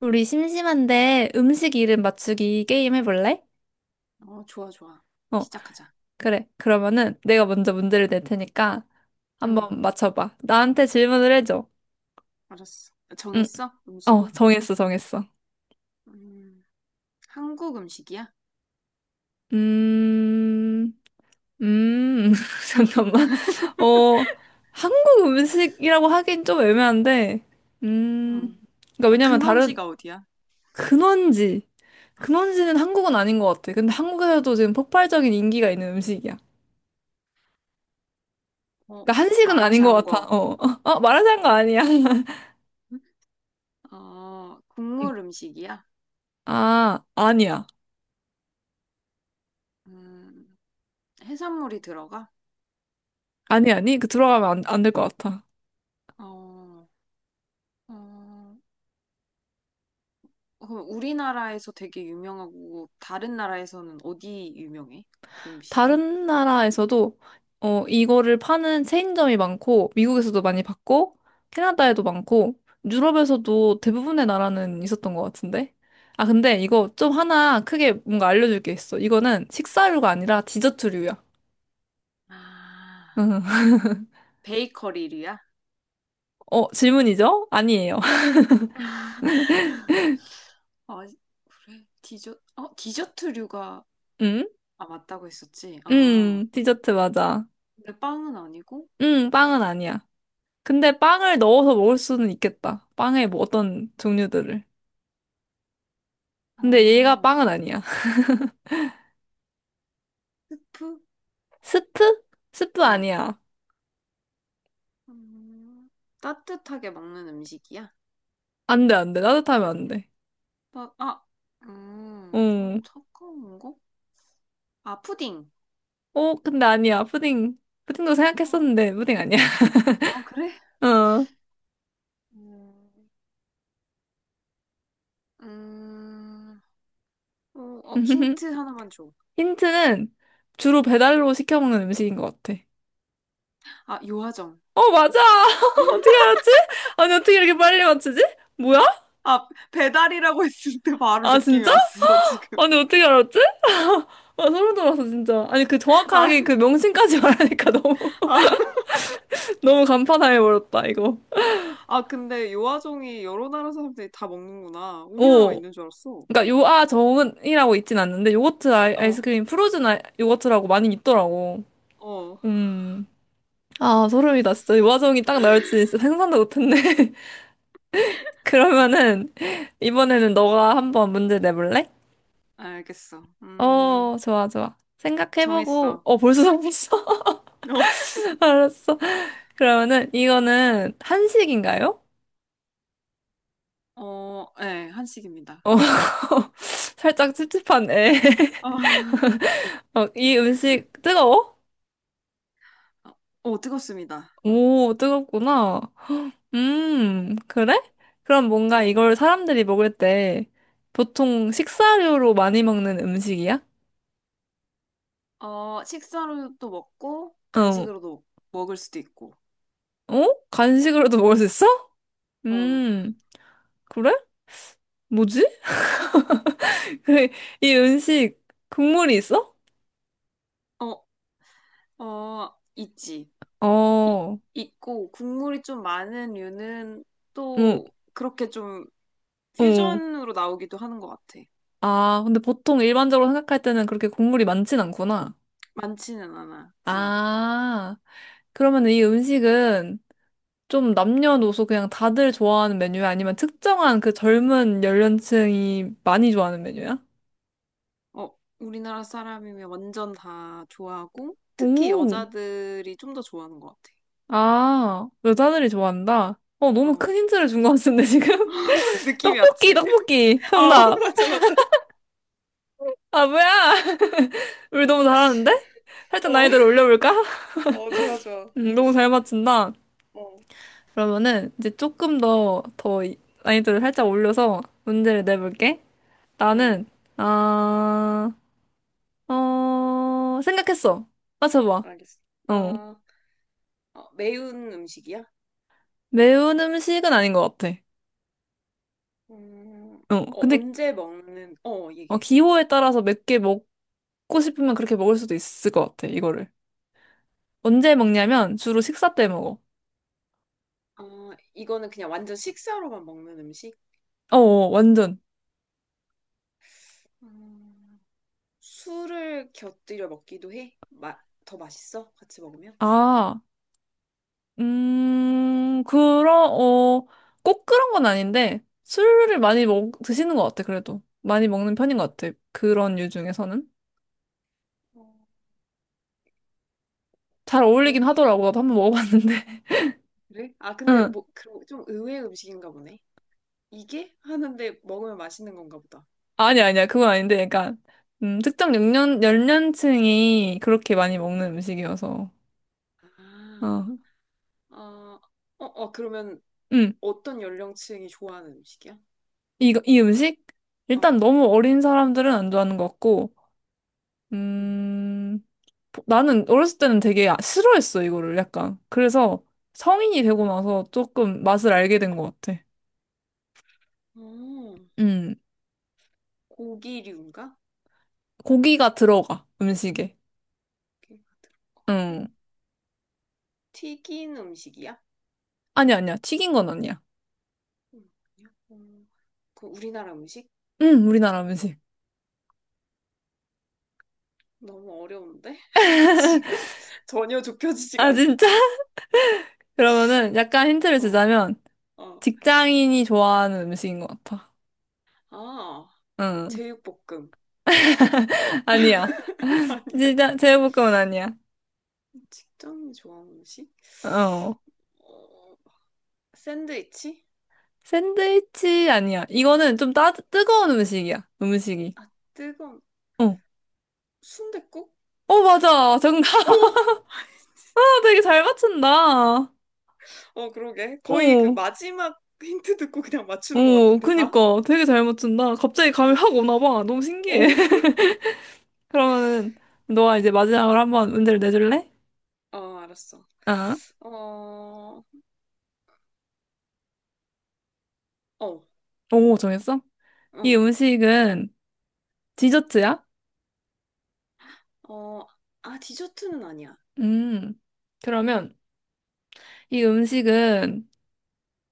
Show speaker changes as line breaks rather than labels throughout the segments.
우리 심심한데 음식 이름 맞추기 게임 해볼래?
어, 좋아, 좋아.
어,
시작하자.
그래. 그러면은 내가 먼저 문제를 낼 테니까
응,
한번 맞춰봐. 나한테 질문을 해줘.
알았어.
응,
정했어? 음식을?
정했어, 정했어.
음, 한국 음식이야?
음, 음, 잠깐만. 어, 한국 음식이라고 하긴 좀 애매한데, 음,
응.
그러니까 왜냐면 다른
근원지가 어디야?
근원지, 근원지는 한국은 아닌 것 같아. 근데 한국에서도 지금 폭발적인 인기가 있는 음식이야.
어,
그러니까 한식은 아닌 것 같아.
마라샹궈.
어, 어, 마라샹궈 아니야.
응? 어,
음.
국물 음식이야?
아, 아니야.
음, 해산물이 들어가?
아니, 아니. 그 들어가면 안 될 것 같아.
어, 어, 그럼 우리나라에서 되게 유명하고 다른 나라에서는 어디 유명해? 그 음식이?
다른 나라에서도 어, 이거를 파는 체인점이 많고, 미국에서도 많이 봤고, 캐나다에도 많고, 유럽에서도 대부분의 나라는 있었던 것 같은데. 아, 근데 이거 좀 하나 크게 뭔가 알려줄 게 있어. 이거는 식사류가 아니라 디저트류야.
아,
음.
베이커리류야?
어, 질문이죠? 아니에요.
아, 그래. 디저트류가
음?
아, 맞다고 했었지? 아,
디저트 맞아.
근데 빵은 아니고?
빵은 아니야. 근데 빵을 넣어서 먹을 수는 있겠다. 빵에 뭐 어떤 종류들을. 근데 얘가
어,
빵은 아니야.
스프?
스프? 스프
어.
아니야.
음, 따뜻하게 먹는 음식이야?
안 돼, 안 돼. 따뜻하면 안 돼.
막, 아, 어,
응.
차가운 거? 아, 푸딩.
어, 근데 아니야. 푸딩. 푸딩도
어,
생각했었는데, 푸딩 아니야.
아, 그래?
어.
음, 음, 어, 어, 힌트 하나만 줘.
힌트는 주로 배달로 시켜 먹는 음식인 것 같아.
아, 요아정.
어, 맞아! 어떻게 알았지? 아니, 어떻게 이렇게 빨리 맞추지? 뭐야?
아, 배달이라고 했을 때 바로
아,
느낌이
진짜?
왔어, 지금.
아니, 어떻게 알았지? 아, 소름 돋았어, 진짜. 아니, 그
아,
정확하게 그 명칭까지 말하니까 너무,
아,
너무 간판당해버렸다, 이거.
아, 근데 요아정이 여러 나라 사람들이 다 먹는구나. 우리나라만
오.
있는 줄 알았어.
그러니까 요아정은이라고 있진 않는데,
어,
아이스크림, 요거트라고 많이 있더라고.
어.
음. 아, 소름이다, 진짜. 요아정이 딱 나올지 진짜 상상도 못했네. 그러면은, 이번에는 너가 한번 문제 내볼래?
알겠어.
어, 좋아, 좋아. 생각해보고,
정했어.
어, 벌써 정했어? 알았어. 그러면은, 이거는 한식인가요?
어, 어, 네, 한식입니다.
어, 살짝 찝찝하네.
어,
어, 이 음식 뜨거워?
어, 뜨겁습니다. 어,
오, 뜨겁구나. 그래? 그럼 뭔가
네.
이걸 사람들이 먹을 때 보통 식사료로 많이 먹는 음식이야?
어, 식사로도 먹고,
어,
간식으로도 먹을 수도 있고.
어? 간식으로도 먹을 수 있어?
어,
음, 그래? 뭐지? 그래, 이 음식 국물이 있어?
어, 어, 있지.
어,
이,
어,
있고, 국물이 좀 많은 류는 또 그렇게 좀
어.
퓨전으로 나오기도 하는 것 같아.
아, 근데 보통 일반적으로 생각할 때는 그렇게 국물이 많진 않구나.
많지는 않아. 어.
아. 그러면 이 음식은 좀 남녀노소 그냥 다들 좋아하는 메뉴야? 아니면 특정한 그 젊은 연령층이 많이 좋아하는 메뉴야?
어, 우리나라 사람이면 완전 다 좋아하고, 특히
오,
여자들이 좀 더 좋아하는 것
아, 여자들이 좋아한다? 어,
같아.
너무
어,
큰 힌트를 준 것 같은데, 지금?
느낌이
떡볶이,
왔지?
떡볶이!
어,
정답!
맞아, 맞아.
아, 뭐야! 우리 너무 잘하는데? 살짝
어,
난이도를 올려볼까?
어, 좋아, 좋아.
너무 잘 맞춘다.
어,
그러면은 이제 더 이- 난이도를 살짝 올려서 문제를 내볼게.
음,
나는, 아, 어, 생각했어. 맞춰봐.
알겠어.
어.
어, 어, 매운 음식이야?
매운 음식은 아닌 것 같아.
음,
어.
어,
근데,
언제 먹는, 어,
어,
이게.
기호에 따라서 몇 개 먹고 싶으면 그렇게 먹을 수도 있을 것 같아, 이거를. 언제 먹냐면, 주로 식사 때 먹어.
어, 이거는 그냥 완전 식사로만 먹는 음식?
완전.
음, 술을 곁들여 먹기도 해? 더 맛있어? 같이 먹으면?
아, 그런, 어, 꼭 그런 건 아닌데, 드시는 것 같아, 그래도. 많이 먹는 편인 것 같아. 그런 류 중에서는.
어,
잘 어울리긴
고기
하더라고. 나도 한번 먹어봤는데.
그래? 아, 근데 뭐, 그럼 좀 의외의 음식인가 보네. 이게? 하는데 먹으면 맛있는 건가 보다.
아니, 아니야. 그건 아닌데, 약간, 연령층이 그렇게
어,
많이 먹는 음식이어서.
아,
어,
어, 어, 어, 그러면
음,
어떤 연령층이 좋아하는 음식이야?
이거, 이 음식? 일단
어,
너무 어린 사람들은 안 좋아하는 것 같고,
음.
음, 보- 나는 어렸을 때는 되게 아- 싫어했어, 이거를 약간. 그래서 성인이 되고
음.
나서 조금 맛을 알게 된 것 같아.
어,
음,
고기류인가?
고기가 들어가, 음식에.
고기가 들어가고.
음,
튀긴 음식이야?
아니야, 아니야. 튀긴 건 아니야.
음, 음. 그 우리나라 음식?
우리나라 음식.
너무 어려운데? 지금 전혀 좁혀지지가
아, 진짜?
않는데.
그러면은 약간 힌트를
어,
주자면,
어.
직장인이 좋아하는 음식인 것 같아.
아,
응.
제육볶음.
아니야.
아니야.
진짜 제육볶음은 아니야.
직장인이 좋아하는 음식?
어.
어, 샌드위치?
샌드위치 아니야. 이거는 좀 따, 뜨거운 음식이야. 음식이.
아, 뜨거운
어.
순댓국?
어, 맞아. 정답.
오!
되게 잘 맞춘다. 어.
어, 그러게. 거의 그 마지막 힌트 듣고 그냥 맞추는 것
어,
같은데, 다?
그니까. 되게 잘 맞춘다. 갑자기 감이 확 오나 봐. 너무
어,
신기해. 그러면은, 너가 이제 마지막으로 한번 문제를 내줄래?
어, 알았어.
어.
어, 어,
오, 정했어? 이
응.
음식은 디저트야?
어, 아, 디저트는 아니야.
음. 그러면, 이 음식은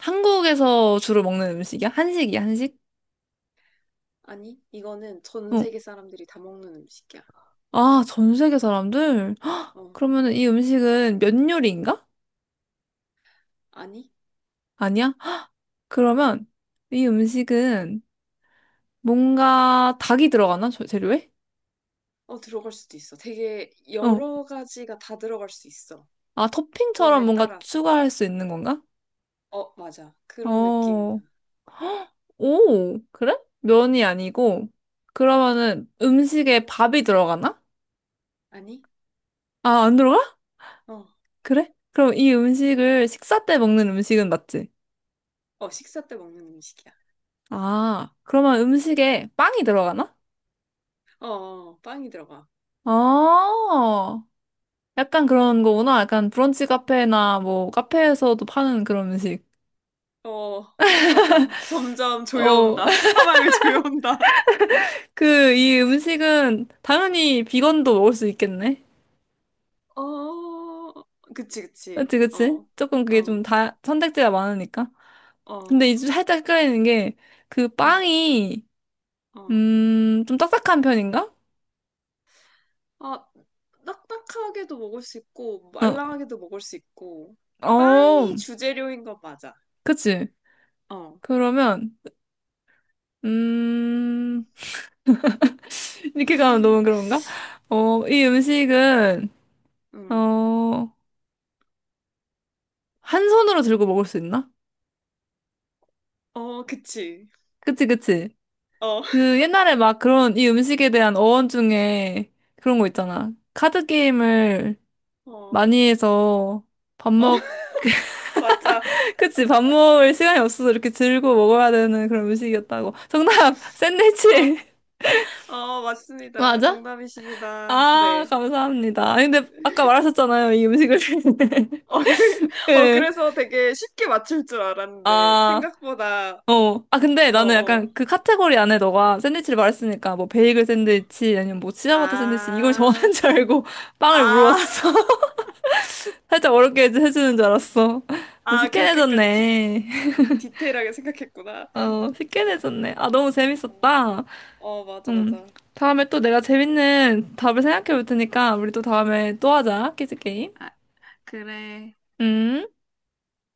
한국에서 주로 먹는 음식이야? 한식이야, 한식?
아니, 이거는 전
어.
세계 사람들이 다 먹는 음식이야.
아, 전 세계 사람들? 헉,
어,
그러면 이 음식은 면 요리인가?
아니?
아니야? 헉, 그러면 이 음식은 뭔가 닭이 들어가나? 저- 재료에?
어, 들어갈 수도 있어. 되게
어.
여러 가지가 다 들어갈 수 있어.
아, 토핑처럼
버전에
뭔가
따라서.
추가할 수 있는 건가?
어, 맞아. 그런 느낌이야.
어. 오, 그래? 면이 아니고. 그러면은 음식에 밥이 들어가나?
아니?
아, 안 들어가?
어,
그래? 그럼 이 음식을 식사 때 먹는 음식은 맞지?
어, 식사 때 먹는 음식이야.
아, 그러면 음식에 빵이 들어가나?
어, 어, 빵이 들어가.
아, 약간 그런 거구나. 약간 브런치 카페나 뭐 카페에서도 파는 그런 음식.
어, 맞아. 점점
어,
조여온다. 수사망을 조여온다.
그, 이 음식은 당연히 비건도 먹을 수 있겠네.
어, 그치, 그치.
그치, 그치?
어,
조금
어,
선택지가 많으니까.
어,
근데 이제 살짝 헷갈리는 게, 그
어,
빵이,
어.
좀 딱딱한 편인가?
아, 딱딱하게도 먹을 수 있고,
어,
말랑하게도 먹을 수 있고,
어,
빵이 주재료인 건 맞아.
그치.
어,
그러면, 음, 이렇게 가면 너무 그런가? 어, 이 음식은,
음,
어, 한 손으로 들고 먹을 수 있나?
어, 그치.
그치, 그치.
어,
그 옛날에 막 그런 이 음식에 대한 어원 중에 그런 거 있잖아. 카드 게임을
어,
많이 해서 밥
어,
먹,
맞아.
그치, 밥 먹을 시간이 없어서 이렇게 들고 먹어야 되는 그런 음식이었다고. 정답!
어
샌드위치!
어, 맞습니다.
맞아?
정답이십니다.
아,
네.
감사합니다. 아니, 근데 아까 말하셨잖아요. 이 음식을.
어, 그래, 어,
예.
그래서 되게 쉽게 맞출 줄 알았는데,
아.
생각보다,
어. 아, 근데
어,
나는
어.
약간 그 카테고리 안에 너가 샌드위치를 말했으니까 뭐 베이글
어.
샌드위치 아니면 뭐 치아바타 샌드위치 이걸
아,
정하는 줄 알고 빵을
아,
물어봤어. 살짝 어렵게 해주- 해주는 줄 알았어.
아,
쉽게
그렇게까지 디,
내줬네.
디테일하게 생각했구나.
어, 쉽게 내줬네. 아, 너무
어,
재밌었다.
어, 맞아,
음.
맞아.
다음에 또 내가 재밌는 답을 생각해 볼 테니까 우리 또 다음에 또 하자. 퀴즈 게임.
아, 그래.
음.